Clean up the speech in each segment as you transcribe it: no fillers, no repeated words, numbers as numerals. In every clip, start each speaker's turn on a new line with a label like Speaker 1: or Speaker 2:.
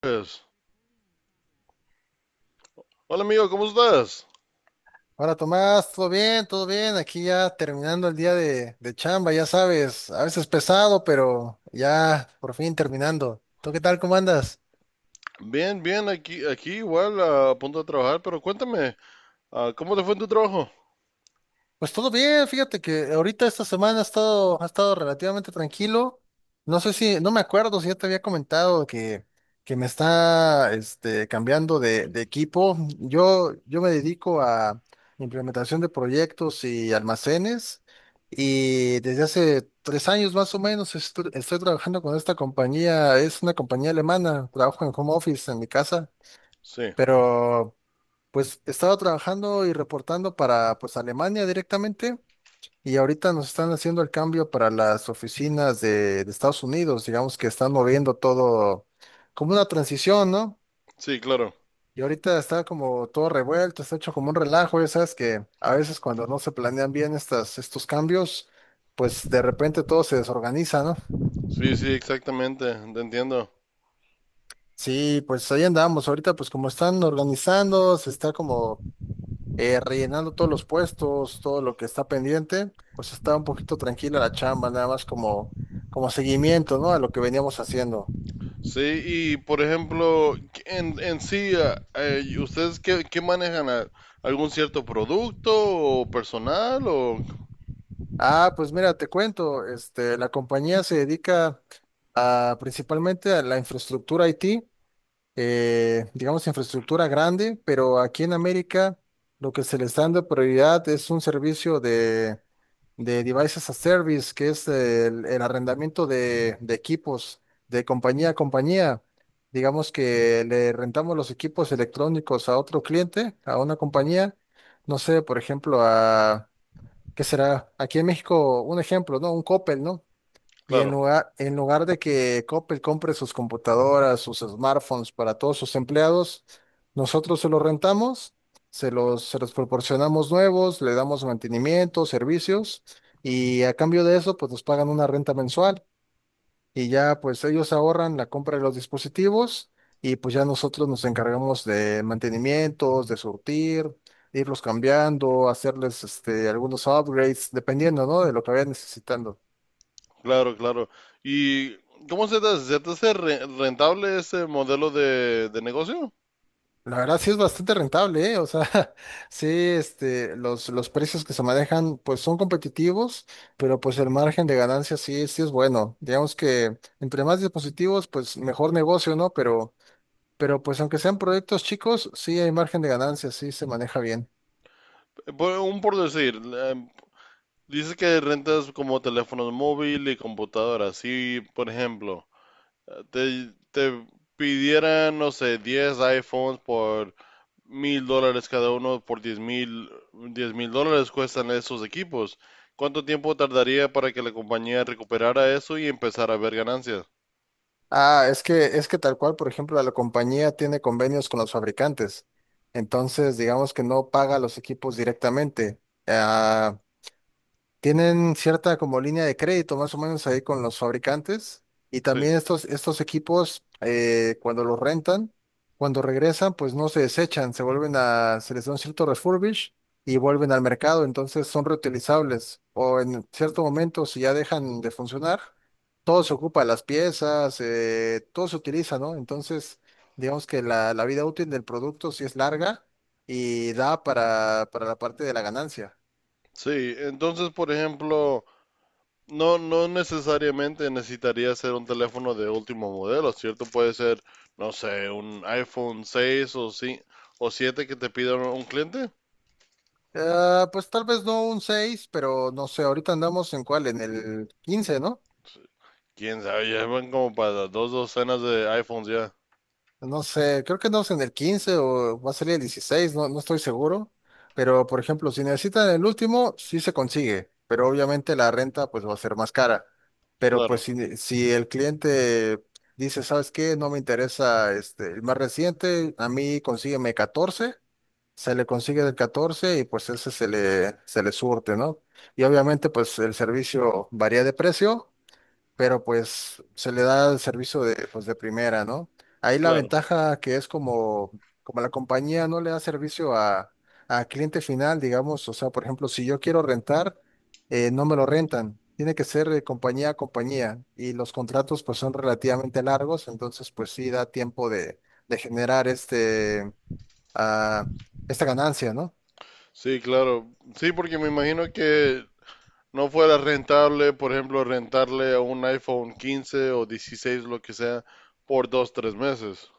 Speaker 1: Pues, hola amigo, ¿cómo estás?
Speaker 2: Hola Tomás, ¿todo bien? ¿Todo bien? Aquí ya terminando el día de chamba, ya sabes, a veces pesado, pero ya por fin terminando. ¿Tú qué tal? ¿Cómo andas?
Speaker 1: Bien, bien, aquí igual a punto de trabajar, pero cuéntame, ¿cómo te fue en tu trabajo?
Speaker 2: Pues todo bien, fíjate que ahorita esta semana ha estado relativamente tranquilo. No sé si, no me acuerdo si ya te había comentado que me está cambiando de equipo. Yo me dedico a implementación de proyectos y almacenes, y desde hace 3 años más o menos estoy trabajando con esta compañía. Es una compañía alemana, trabajo en home office en mi casa,
Speaker 1: Sí,
Speaker 2: pero pues estaba trabajando y reportando para pues Alemania directamente. Y ahorita nos están haciendo el cambio para las oficinas de Estados Unidos, digamos que están moviendo todo como una transición, ¿no?
Speaker 1: sí, claro.
Speaker 2: Y ahorita está como todo revuelto, está hecho como un relajo, ya sabes que a veces cuando no se planean bien estos cambios, pues de repente todo se desorganiza, ¿no?
Speaker 1: Sí, sí, exactamente, te entiendo.
Speaker 2: Sí, pues ahí andamos, ahorita pues como están organizando, se está como rellenando todos los puestos, todo lo que está pendiente, pues está un poquito tranquila la chamba, nada más como seguimiento, ¿no? A lo que veníamos haciendo.
Speaker 1: Sí, y por ejemplo, en sí, ¿ustedes qué manejan? ¿Algún cierto producto o personal? O.
Speaker 2: Ah, pues mira, te cuento, este, la compañía se dedica principalmente a la infraestructura IT, digamos, infraestructura grande, pero aquí en América lo que se les está dando prioridad es un servicio de Devices as Service, que es el arrendamiento de equipos de compañía a compañía. Digamos que le rentamos los equipos electrónicos a otro cliente, a una compañía, no sé, por ejemplo, ¿qué será? Aquí en México, un ejemplo, ¿no? Un Coppel, ¿no? Y en
Speaker 1: Claro,
Speaker 2: lugar, en lugar de que Coppel compre sus computadoras, sus smartphones para todos sus empleados, nosotros se los rentamos, se los proporcionamos nuevos, le damos mantenimiento, servicios, y a cambio de eso, pues nos pagan una renta mensual, y ya pues ellos ahorran la compra de los dispositivos, y pues ya nosotros nos encargamos de mantenimientos, de surtir, de irlos cambiando, hacerles algunos upgrades, dependiendo, ¿no? de lo que vayan necesitando.
Speaker 1: claro, claro. ¿Y cómo se te hace? ¿Se te hace rentable ese modelo de negocio?
Speaker 2: La verdad sí es bastante rentable, ¿eh? O sea, sí, los precios que se manejan pues son competitivos, pero pues el margen de ganancia sí, sí es bueno. Digamos que entre más dispositivos, pues mejor negocio, ¿no? Pero pues aunque sean proyectos chicos, sí hay margen de ganancia, sí se maneja bien.
Speaker 1: Un por decir, dice que rentas como teléfonos móvil y computadoras. Si, por ejemplo, te pidieran, no sé, 10 iPhones por mil dólares cada uno, por 10 mil, 10 mil dólares cuestan esos equipos. ¿Cuánto tiempo tardaría para que la compañía recuperara eso y empezara a ver ganancias?
Speaker 2: Ah, es que tal cual, por ejemplo, la compañía tiene convenios con los fabricantes. Entonces, digamos que no paga los equipos directamente. Ah, tienen cierta como línea de crédito más o menos ahí con los fabricantes, y
Speaker 1: Sí.
Speaker 2: también estos equipos, cuando los rentan, cuando regresan pues no se desechan, se les da un cierto refurbish y vuelven al mercado, entonces son reutilizables, o en cierto momento si ya dejan de funcionar, todo se ocupa, las piezas, todo se utiliza, ¿no? Entonces digamos que la vida útil del producto sí es larga y da para la parte de la ganancia.
Speaker 1: Sí, entonces, por ejemplo, no, no necesariamente necesitaría ser un teléfono de último modelo, ¿cierto? Puede ser, no sé, un iPhone 6 o, sí, o 7 que te pida un cliente.
Speaker 2: Ah, pues tal vez no un 6, pero no sé, ahorita andamos en cuál, en el 15, ¿no?
Speaker 1: Quién sabe, ya van como para dos docenas de iPhones ya.
Speaker 2: No sé, creo que andamos en el 15 o va a salir el 16. No, no estoy seguro. Pero, por ejemplo, si necesitan el último, sí se consigue, pero obviamente la renta pues va a ser más cara. Pero pues
Speaker 1: Claro,
Speaker 2: si, si el cliente dice, ¿sabes qué? No me interesa este, el más reciente, a mí consígueme 14. Se le consigue del 14 y pues ese se le surte, ¿no? Y obviamente pues el servicio varía de precio, pero pues se le da el servicio de, pues, de primera, ¿no? Ahí la
Speaker 1: claro.
Speaker 2: ventaja que es como la compañía no le da servicio a cliente final, digamos, o sea, por ejemplo, si yo quiero rentar, no me lo rentan. Tiene que ser de compañía a compañía, y los contratos pues son relativamente largos, entonces pues sí da tiempo de generar este a esta ganancia, ¿no?
Speaker 1: Sí, claro. Sí, porque me imagino que no fuera rentable, por ejemplo, rentarle a un iPhone 15 o 16, lo que sea, por dos, tres meses.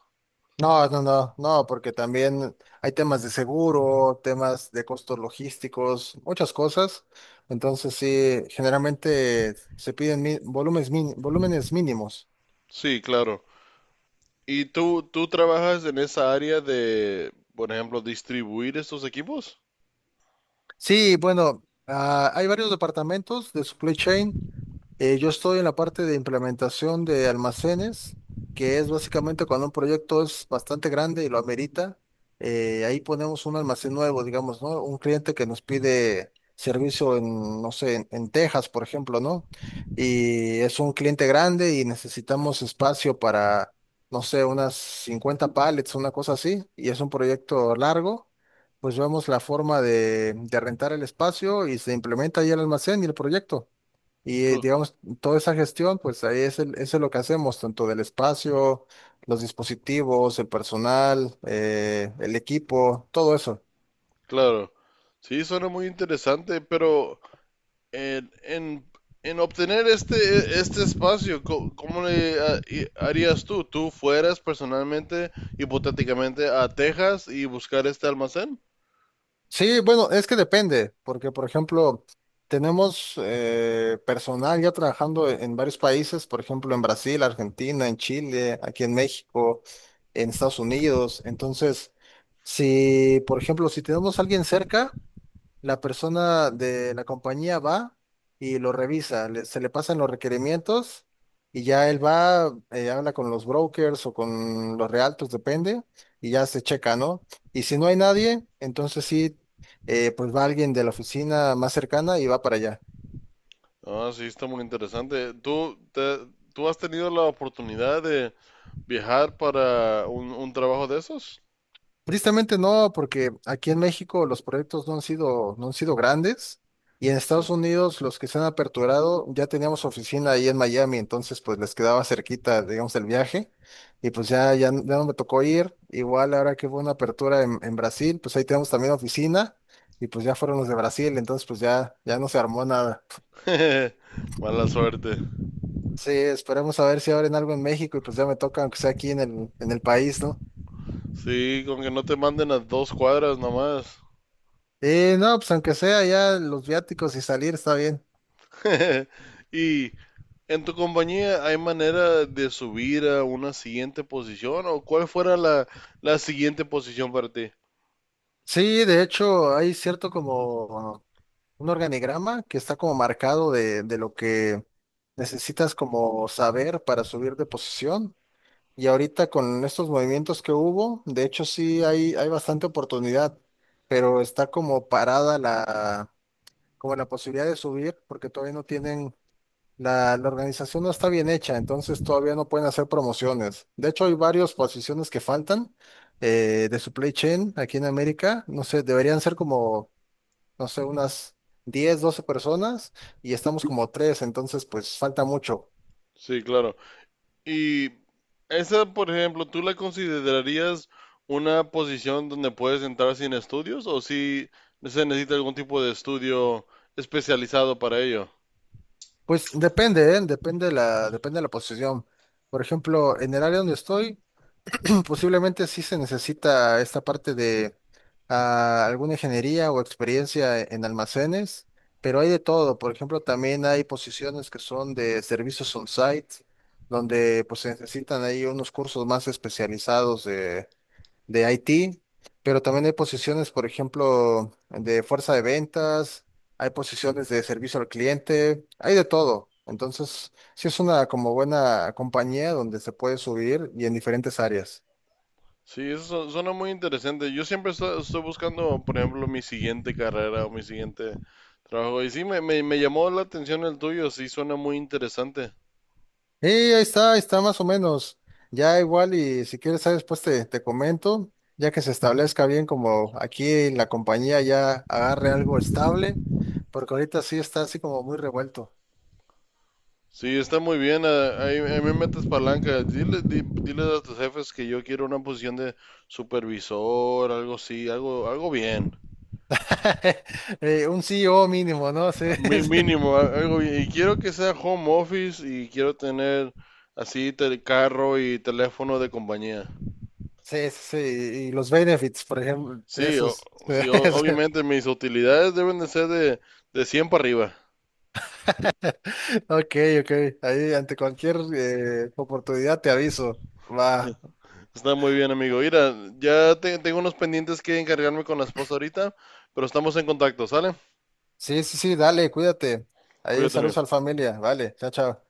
Speaker 2: No, no, no, no, porque también hay temas de seguro, temas de costos logísticos, muchas cosas. Entonces, sí, generalmente se piden volúmenes mínimos.
Speaker 1: Sí, claro. ¿Y tú trabajas en esa área de, por ejemplo, distribuir estos equipos?
Speaker 2: Sí, bueno, hay varios departamentos de supply chain. Yo estoy en la parte de implementación de almacenes, que es básicamente cuando un proyecto es bastante grande y lo amerita, ahí ponemos un almacén nuevo, digamos, ¿no? Un cliente que nos pide servicio en, no sé, en Texas, por ejemplo, ¿no? Y es un cliente grande y necesitamos espacio para, no sé, unas 50 pallets, una cosa así, y es un proyecto largo. Pues vemos la forma de rentar el espacio y se implementa ahí el almacén y el proyecto. Y
Speaker 1: Claro.
Speaker 2: digamos, toda esa gestión, pues ahí es, eso es lo que hacemos, tanto del espacio, los dispositivos, el personal, el equipo, todo eso.
Speaker 1: Claro, sí, suena muy interesante, pero en, en, en obtener este espacio, ¿cómo le harías tú? ¿Tú fueras personalmente, hipotéticamente, a Texas y buscar este almacén?
Speaker 2: Sí, bueno, es que depende, porque por ejemplo, tenemos personal ya trabajando en varios países, por ejemplo, en Brasil, Argentina, en Chile, aquí en México, en Estados Unidos. Entonces, si, por ejemplo, si tenemos a alguien cerca, la persona de la compañía va y lo revisa, se le pasan los requerimientos y ya él va, habla con los brokers o con los realtors, depende, y ya se checa, ¿no? Y si no hay nadie, entonces sí, pues va alguien de la oficina más cercana y va para allá.
Speaker 1: Ah, sí, está muy interesante. ¿Tú has tenido la oportunidad de viajar para un trabajo de esos?
Speaker 2: Tristemente no, porque aquí en México los proyectos no han sido grandes, y en
Speaker 1: Sí.
Speaker 2: Estados Unidos los que se han aperturado ya teníamos oficina ahí en Miami, entonces pues les quedaba cerquita, digamos, el viaje, y pues ya, ya, ya no me tocó ir. Igual ahora que hubo una apertura en, Brasil, pues ahí tenemos también oficina, y pues ya fueron los de Brasil, entonces pues ya, ya no se armó nada.
Speaker 1: Mala suerte.
Speaker 2: Sí, esperemos a ver si abren algo en México y pues ya me toca, aunque sea aquí en el país, ¿no?
Speaker 1: Sí, con que no te manden a dos cuadras nomás.
Speaker 2: No, pues aunque sea ya los viáticos y salir está bien.
Speaker 1: Y en tu compañía hay manera de subir a una siguiente posición o cuál fuera la siguiente posición para ti.
Speaker 2: Sí, de hecho, hay cierto como un organigrama que está como marcado de lo que necesitas como saber para subir de posición. Y ahorita con estos movimientos que hubo, de hecho sí hay bastante oportunidad, pero está como parada como la posibilidad de subir porque todavía no tienen la organización, no está bien hecha, entonces todavía no pueden hacer promociones. De hecho, hay varias posiciones que faltan, de supply chain aquí en América. No sé, deberían ser como, no sé, unas 10 12 personas y estamos como tres, entonces pues falta mucho.
Speaker 1: Sí, claro. Y esa, por ejemplo, ¿tú la considerarías una posición donde puedes entrar sin estudios o si se necesita algún tipo de estudio especializado para ello?
Speaker 2: Pues depende, ¿eh? Depende de la posición. Por ejemplo, en el área donde estoy, posiblemente sí se necesita esta parte de alguna ingeniería o experiencia en almacenes, pero hay de todo. Por ejemplo, también hay posiciones que son de servicios on-site, donde pues se necesitan ahí unos cursos más especializados de IT, pero también hay posiciones, por ejemplo, de fuerza de ventas, hay posiciones de servicio al cliente, hay de todo. Entonces, sí es una como buena compañía donde se puede subir y en diferentes áreas.
Speaker 1: Sí, eso suena muy interesante. Yo siempre estoy buscando, por ejemplo, mi siguiente carrera o mi siguiente trabajo. Y sí, me llamó la atención el tuyo, sí, suena muy interesante.
Speaker 2: Y ahí está más o menos. Ya igual y si quieres, después te comento, ya que se establezca bien como aquí en la compañía ya agarre algo estable, porque ahorita sí está así como muy revuelto.
Speaker 1: Sí, está muy bien, ahí me metes palanca. Dile a tus jefes que yo quiero una posición de supervisor, algo así, algo bien.
Speaker 2: Un CEO mínimo, ¿no? Sí,
Speaker 1: A
Speaker 2: sí,
Speaker 1: mínimo, algo bien. Y quiero que sea home office y quiero tener así el carro y teléfono de compañía.
Speaker 2: sí, sí. Y los benefits, por ejemplo,
Speaker 1: Sí, o-
Speaker 2: esos. Sí,
Speaker 1: sí, o-
Speaker 2: sí.
Speaker 1: obviamente mis utilidades deben de ser de 100 para arriba.
Speaker 2: Ok, ok. Ahí ante cualquier oportunidad te aviso. Va.
Speaker 1: Está muy bien, amigo. Mira, ya tengo unos pendientes que encargarme con la esposa ahorita, pero estamos en contacto, ¿sale?
Speaker 2: Sí, sí, sí, dale, cuídate. Ahí
Speaker 1: Cuídate,
Speaker 2: saludos
Speaker 1: amigo.
Speaker 2: a la familia. Vale, chao, chao.